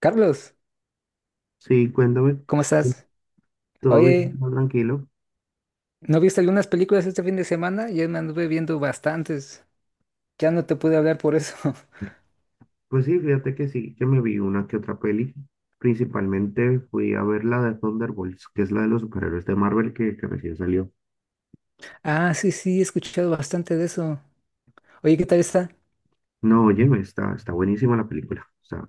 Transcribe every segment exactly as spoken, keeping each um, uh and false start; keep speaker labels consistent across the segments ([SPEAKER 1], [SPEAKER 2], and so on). [SPEAKER 1] Carlos,
[SPEAKER 2] Sí, cuéntame.
[SPEAKER 1] ¿cómo estás?
[SPEAKER 2] Todo bien,
[SPEAKER 1] Oye,
[SPEAKER 2] todo tranquilo.
[SPEAKER 1] ¿no viste algunas películas este fin de semana? Yo me anduve viendo bastantes. Ya no te pude hablar por eso.
[SPEAKER 2] Pues sí, fíjate que sí, que me vi una que otra peli. Principalmente fui a ver la de Thunderbolts, que es la de los superhéroes de Marvel que, que recién salió.
[SPEAKER 1] Ah, sí, sí, he escuchado bastante de eso. Oye, ¿qué tal está?
[SPEAKER 2] No, oye, está, está buenísima la película. O sea,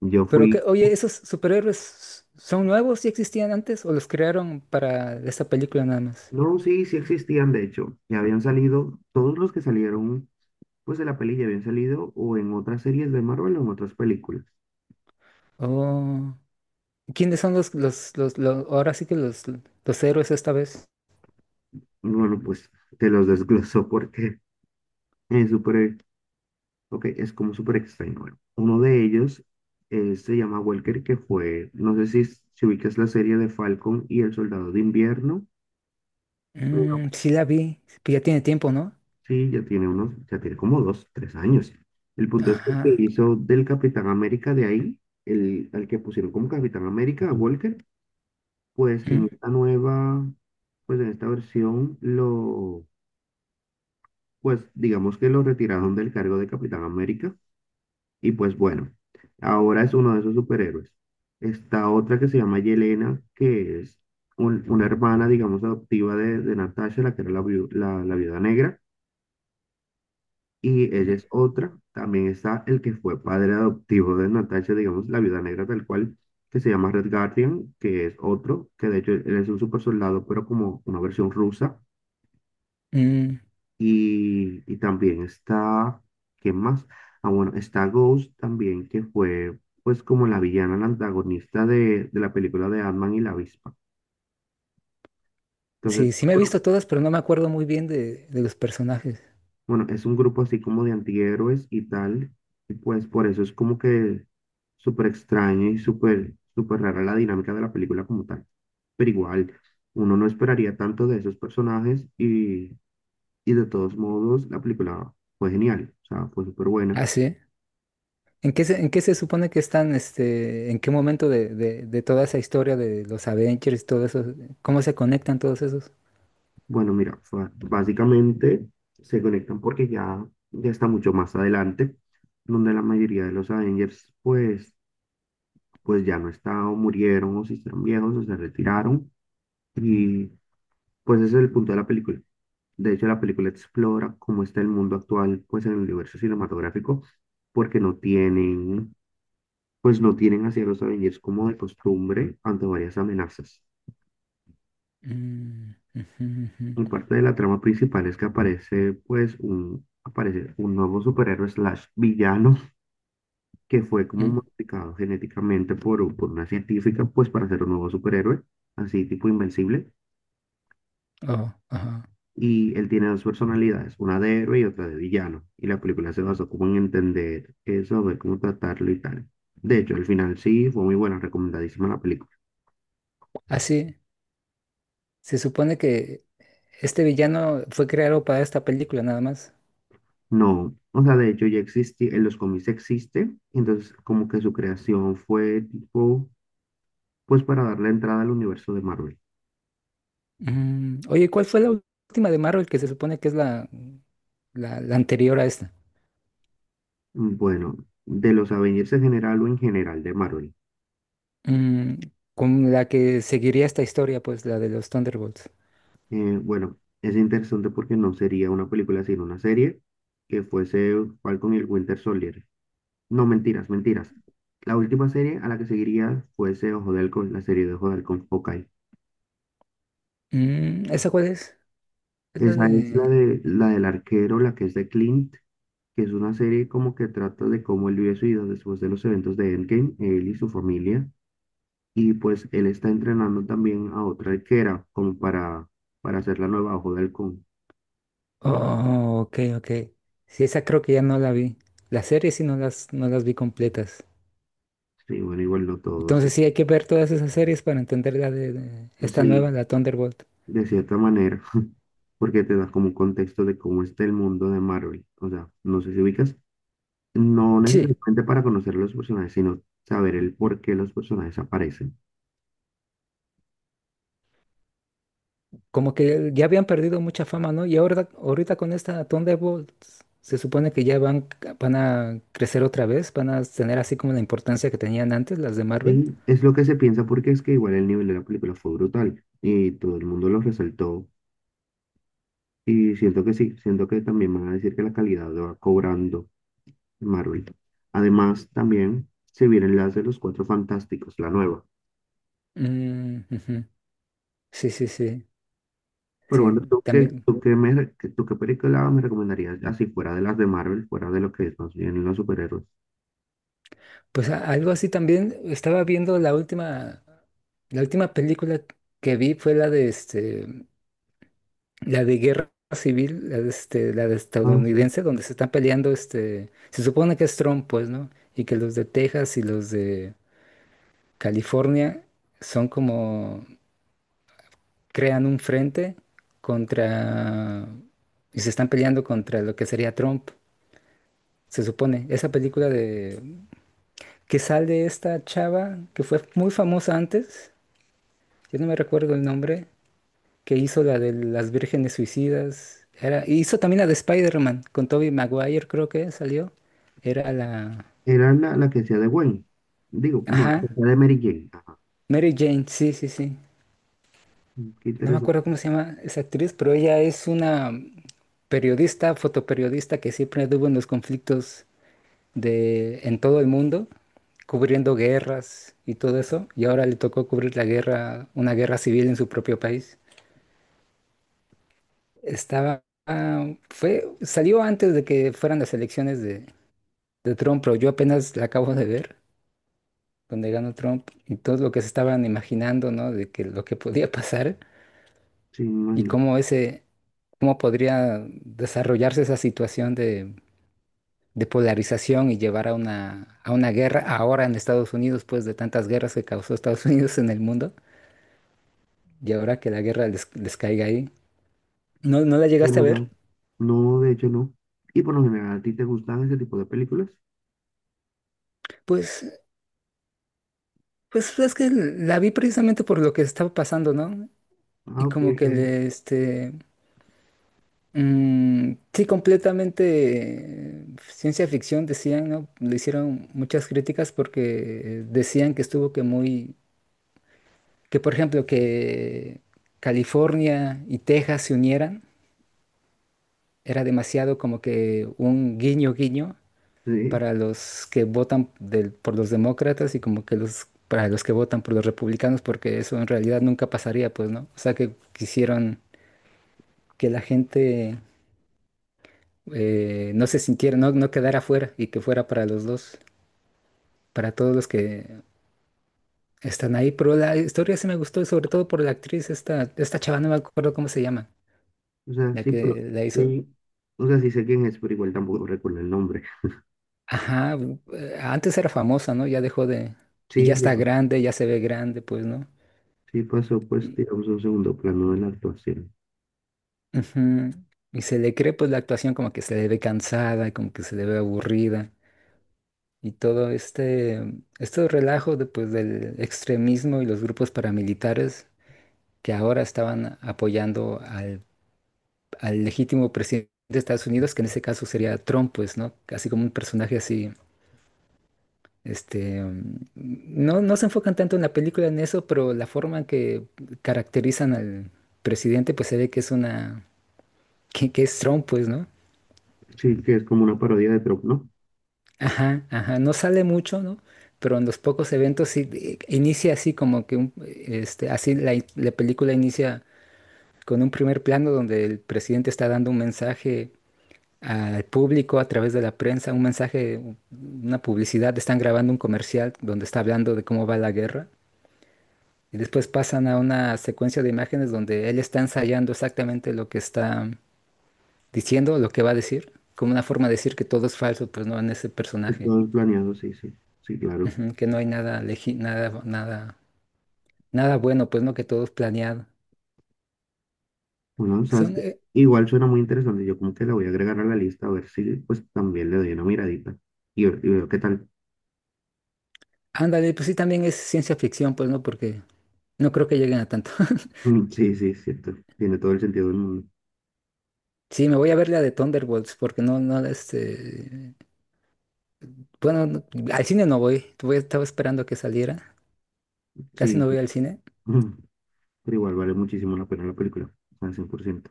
[SPEAKER 2] yo
[SPEAKER 1] Pero qué,
[SPEAKER 2] fui.
[SPEAKER 1] oye, ¿esos superhéroes son nuevos? ¿Ya existían antes o los crearon para esta película nada más?
[SPEAKER 2] No, sí, sí existían, de hecho. Ya habían salido, todos los que salieron, pues de la peli ya habían salido o en otras series de Marvel o en otras películas.
[SPEAKER 1] Oh, ¿quiénes son los, los, los, los- ahora sí que los, los héroes esta vez?
[SPEAKER 2] Y bueno, pues te los desgloso porque es súper. Ok, es como súper extraño. Bueno, uno de ellos eh, se llama Welker, que fue, no sé si, si ubicas la serie de Falcon y el Soldado de Invierno, pero
[SPEAKER 1] Mm, sí la vi, pero ya tiene tiempo, ¿no?
[SPEAKER 2] sí, ya tiene unos, ya tiene como dos, tres años. El punto es que el que
[SPEAKER 1] Ajá.
[SPEAKER 2] hizo del Capitán América de ahí, el, al que pusieron como Capitán América, a Walker, pues
[SPEAKER 1] Mm.
[SPEAKER 2] en esta nueva, pues en esta versión, lo, pues digamos que lo retiraron del cargo de Capitán América. Y pues bueno, ahora es uno de esos superhéroes. Está otra que se llama Yelena, que es un- una hermana, digamos, adoptiva de, de Natasha, la que era la, viu- la, la viuda negra. Y ella
[SPEAKER 1] Mm.
[SPEAKER 2] es otra. También está el que fue padre adoptivo de Natasha, digamos, la viuda negra tal cual, que se llama Red Guardian, que es otro, que de hecho él es un super soldado, pero como una versión rusa.
[SPEAKER 1] Mm.
[SPEAKER 2] Y, y también está, ¿qué más? Ah, bueno, está Ghost también, que fue pues como la villana, la antagonista de, de la película de Ant-Man y la avispa.
[SPEAKER 1] Sí,
[SPEAKER 2] Entonces,
[SPEAKER 1] sí me he
[SPEAKER 2] bueno,
[SPEAKER 1] visto todas, pero no me acuerdo muy bien de, de los personajes.
[SPEAKER 2] bueno, es un grupo así como de antihéroes y tal, y pues por eso es como que súper extraño y súper, súper rara la dinámica de la película como tal. Pero igual, uno no esperaría tanto de esos personajes y, y de todos modos la película fue genial, o sea, fue súper buena.
[SPEAKER 1] Ah, sí. ¿En qué se, en qué se supone que están, este, en qué momento de, de- de toda esa historia de los Avengers, todo eso, cómo se conectan todos esos?
[SPEAKER 2] Bueno, mira, o sea, básicamente se conectan porque ya, ya está mucho más adelante, donde la mayoría de los Avengers, pues, pues ya no están, o murieron, o se hicieron viejos, o se retiraron. Y pues ese es el punto de la película. De hecho, la película explora cómo está el mundo actual, pues en el universo cinematográfico, porque no tienen, pues no tienen hacia los Avengers como de costumbre ante varias amenazas.
[SPEAKER 1] Mm, ujú, ujú.
[SPEAKER 2] Por parte de la trama principal es que aparece pues un, aparece un nuevo superhéroe slash villano que fue como
[SPEAKER 1] mm,
[SPEAKER 2] modificado genéticamente por, u- por una científica pues para ser un nuevo superhéroe, así tipo invencible.
[SPEAKER 1] oh, ajá.
[SPEAKER 2] Y él tiene dos personalidades, una de héroe y otra de villano. Y la película se basó como en entender eso, ver cómo tratarlo y tal. De hecho, al final sí, fue muy buena, recomendadísima la película.
[SPEAKER 1] Ah, sí. Se supone que este villano fue creado para esta película nada más.
[SPEAKER 2] No, o sea, de hecho ya existía, en los cómics existe, entonces como que su creación fue tipo pues para darle entrada al universo de Marvel.
[SPEAKER 1] Mm, oye, ¿cuál fue la última de Marvel que se supone que es la, la, la anterior a esta?
[SPEAKER 2] Bueno, de los Avengers en general o en general de Marvel.
[SPEAKER 1] Mm, con la que seguiría esta historia, pues la de los Thunderbolts.
[SPEAKER 2] Eh, bueno, es interesante porque no sería una película sino una serie que fuese Falcon y el Winter Soldier. No, mentiras, mentiras. La última serie a la que seguiría fuese Ojo de Halcón, la serie de Ojo de Halcón Hawkeye.
[SPEAKER 1] Mm, ¿esa cuál es? Es la
[SPEAKER 2] Esa es la
[SPEAKER 1] de...
[SPEAKER 2] de la del arquero, la que es de Clint, que es una serie como que trata de cómo él vive su vida después de los eventos de Endgame, él y su familia. Y pues él está entrenando también a otra arquera como para, para hacer la nueva ojo del halcón.
[SPEAKER 1] Oh, ok, ok. Sí, esa creo que ya no la vi. Las series sí no las, no las vi completas.
[SPEAKER 2] Sí, bueno, igual no todos.
[SPEAKER 1] Entonces sí hay que ver todas esas series para entender la de, de esta
[SPEAKER 2] Sí,
[SPEAKER 1] nueva, la Thunderbolt.
[SPEAKER 2] de cierta manera, porque te da como un contexto de cómo está el mundo de Marvel. O sea, no sé si ubicas, no
[SPEAKER 1] Sí,
[SPEAKER 2] necesariamente para conocer los personajes, sino saber el por qué los personajes aparecen.
[SPEAKER 1] como que ya habían perdido mucha fama, ¿no? Y ahora, ahorita con esta Thunderbolt se supone que ya van, van a crecer otra vez, van a tener así como la importancia que tenían antes las de Marvel.
[SPEAKER 2] Y es lo que se piensa porque es que igual el nivel de la película fue brutal y todo el mundo lo resaltó. Y siento que sí, siento que también van a decir que la calidad va cobrando Marvel. Además, también se vienen las de los Cuatro Fantásticos, la nueva.
[SPEAKER 1] Mm, ujú. Sí, sí, sí,
[SPEAKER 2] Pero bueno,
[SPEAKER 1] sí,
[SPEAKER 2] ¿tú qué,
[SPEAKER 1] también.
[SPEAKER 2] tú qué me, re- qué- tú qué película me recomendarías así fuera de las de Marvel, fuera de lo que es más bien los superhéroes?
[SPEAKER 1] Pues a- algo así también estaba viendo la última, la última película que vi fue la de este, la de Guerra Civil, la de este, la de
[SPEAKER 2] Ah, sí.
[SPEAKER 1] estadounidense, donde se están peleando este, se supone que es Trump, pues, ¿no? Y que los de Texas y los de California son como, crean un frente contra, y se están peleando contra lo que sería Trump, se supone. Esa película que sale esta chava que fue muy famosa antes, yo no me recuerdo el nombre, que hizo la de las vírgenes suicidas, era, hizo también la de Spider-Man con Tobey Maguire, creo que salió, era la,
[SPEAKER 2] Era la, la que hacía de Gwen. Digo, no, la que
[SPEAKER 1] ajá,
[SPEAKER 2] hacía de Mary Jane. Ajá.
[SPEAKER 1] Mary Jane, sí, sí, sí,
[SPEAKER 2] Mm, qué
[SPEAKER 1] no me acuerdo
[SPEAKER 2] interesante.
[SPEAKER 1] cómo se llama esa actriz, pero ella es una periodista, fotoperiodista que siempre anduvo en los conflictos de, en todo el mundo, cubriendo guerras y todo eso, y ahora le tocó cubrir la guerra, una guerra civil en su propio país. Estaba, ah, fue, salió antes de que fueran las elecciones de, de Trump, pero yo apenas la acabo de ver, donde ganó Trump, y todo lo que se estaban imaginando, ¿no? De que lo que podía pasar
[SPEAKER 2] Sí, me
[SPEAKER 1] y
[SPEAKER 2] imagino.
[SPEAKER 1] cómo ese, cómo podría desarrollarse esa situación de, de polarización y llevar a una, a una guerra ahora en Estados Unidos, pues de tantas guerras que causó Estados Unidos en el mundo, y ahora que la guerra les, les caiga ahí. ¿No, no la llegaste a
[SPEAKER 2] Bueno, no,
[SPEAKER 1] ver?
[SPEAKER 2] no, de hecho no. Y por lo general, ¿a ti te gustan ese tipo de películas?
[SPEAKER 1] Pues Pues es que la vi precisamente por lo que estaba pasando, ¿no? Y
[SPEAKER 2] Ah, ok,
[SPEAKER 1] como que
[SPEAKER 2] bueno.
[SPEAKER 1] le, este, mm, sí, completamente eh, ciencia ficción decían, ¿no? Le hicieron muchas críticas porque eh, decían que estuvo que muy, que por ejemplo que California y Texas se unieran, era demasiado como que un guiño guiño
[SPEAKER 2] Sí,
[SPEAKER 1] para los que votan del- por los demócratas y como que los para los que votan por los republicanos, porque eso en realidad nunca pasaría, pues, ¿no? O sea, que quisieron que la gente eh, no se sintiera, no, no quedara fuera y que fuera para los dos, para todos los que están ahí. Pero la historia sí me gustó, y sobre todo por la actriz, esta, esta chava, no me acuerdo cómo se llama,
[SPEAKER 2] o sea,
[SPEAKER 1] la
[SPEAKER 2] sí, pero
[SPEAKER 1] que la hizo.
[SPEAKER 2] sí. O sea, sí sé quién es, pero igual tampoco recuerdo el nombre.
[SPEAKER 1] Ajá, eh, antes era famosa, ¿no? Ya dejó de... Y ya
[SPEAKER 2] Sí, ya.
[SPEAKER 1] está grande, ya se ve grande, pues, ¿no?
[SPEAKER 2] Sí pasó, pues, digamos, a un segundo plano de la actuación.
[SPEAKER 1] Ujú. Y se le cree pues la actuación como que se le ve cansada, como que se le ve aburrida. Y todo este, este relajo de, pues, del extremismo y los grupos paramilitares que ahora estaban apoyando al, al legítimo presidente de Estados Unidos, que en ese caso sería Trump, pues, ¿no? Casi como un personaje así, este, mm, no, no se enfocan tanto en la película en eso, pero la forma en que caracterizan al presidente, pues se ve que es una, que, que es Trump, pues, ¿no?
[SPEAKER 2] Sí, que es como una parodia de Trop, ¿no?
[SPEAKER 1] Ajá, ajá, no sale mucho, ¿no? Pero en los pocos eventos sí eh, inicia así como que un, este, así la, in- la película inicia con un primer plano donde el presidente está dando un mensaje al público a través de la prensa, un mensaje, u- una publicidad, están grabando un comercial donde está hablando de cómo va la guerra y después pasan a una secuencia de imágenes donde él está ensayando exactamente lo que está diciendo, lo que va a decir, como una forma de decir que todo es falso, pues no en ese
[SPEAKER 2] Que
[SPEAKER 1] personaje.
[SPEAKER 2] todo es planeado, sí, sí, sí, claro.
[SPEAKER 1] Ujú, que no hay nada, legi- nada, nada, nada bueno, pues no, que todo es planeado.
[SPEAKER 2] Bueno, sabes
[SPEAKER 1] Son,
[SPEAKER 2] que
[SPEAKER 1] eh,
[SPEAKER 2] igual suena muy interesante. Yo como que la voy a agregar a la lista a ver si pues también le doy una miradita y, ver- y veo qué tal.
[SPEAKER 1] ándale, pues sí, también es ciencia ficción, pues no, porque no creo que lleguen a tanto.
[SPEAKER 2] Mm, sí, sí, es cierto. Tiene todo el sentido del mundo.
[SPEAKER 1] Sí, me voy a ver la de Thunderbolts, porque no, no, este, bueno, no- al cine no voy, voy, estaba esperando que saliera, casi
[SPEAKER 2] Sí,
[SPEAKER 1] no voy al cine.
[SPEAKER 2] mm, pero igual vale muchísimo la pena la película, al cien por ciento.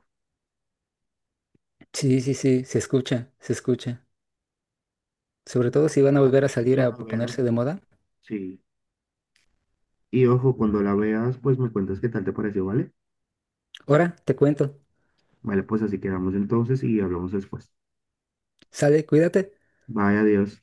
[SPEAKER 1] Sí, sí, sí, se escucha, se escucha. Sobre todo si van a
[SPEAKER 2] Ah,
[SPEAKER 1] volver a salir
[SPEAKER 2] cuando
[SPEAKER 1] a
[SPEAKER 2] la veas,
[SPEAKER 1] ponerse de moda.
[SPEAKER 2] sí. Y ojo, cuando la veas, pues me cuentas qué tal te pareció, ¿vale?
[SPEAKER 1] Ahora, te cuento,
[SPEAKER 2] Vale, pues así quedamos entonces y hablamos después.
[SPEAKER 1] sale, cuídate.
[SPEAKER 2] Vaya Dios.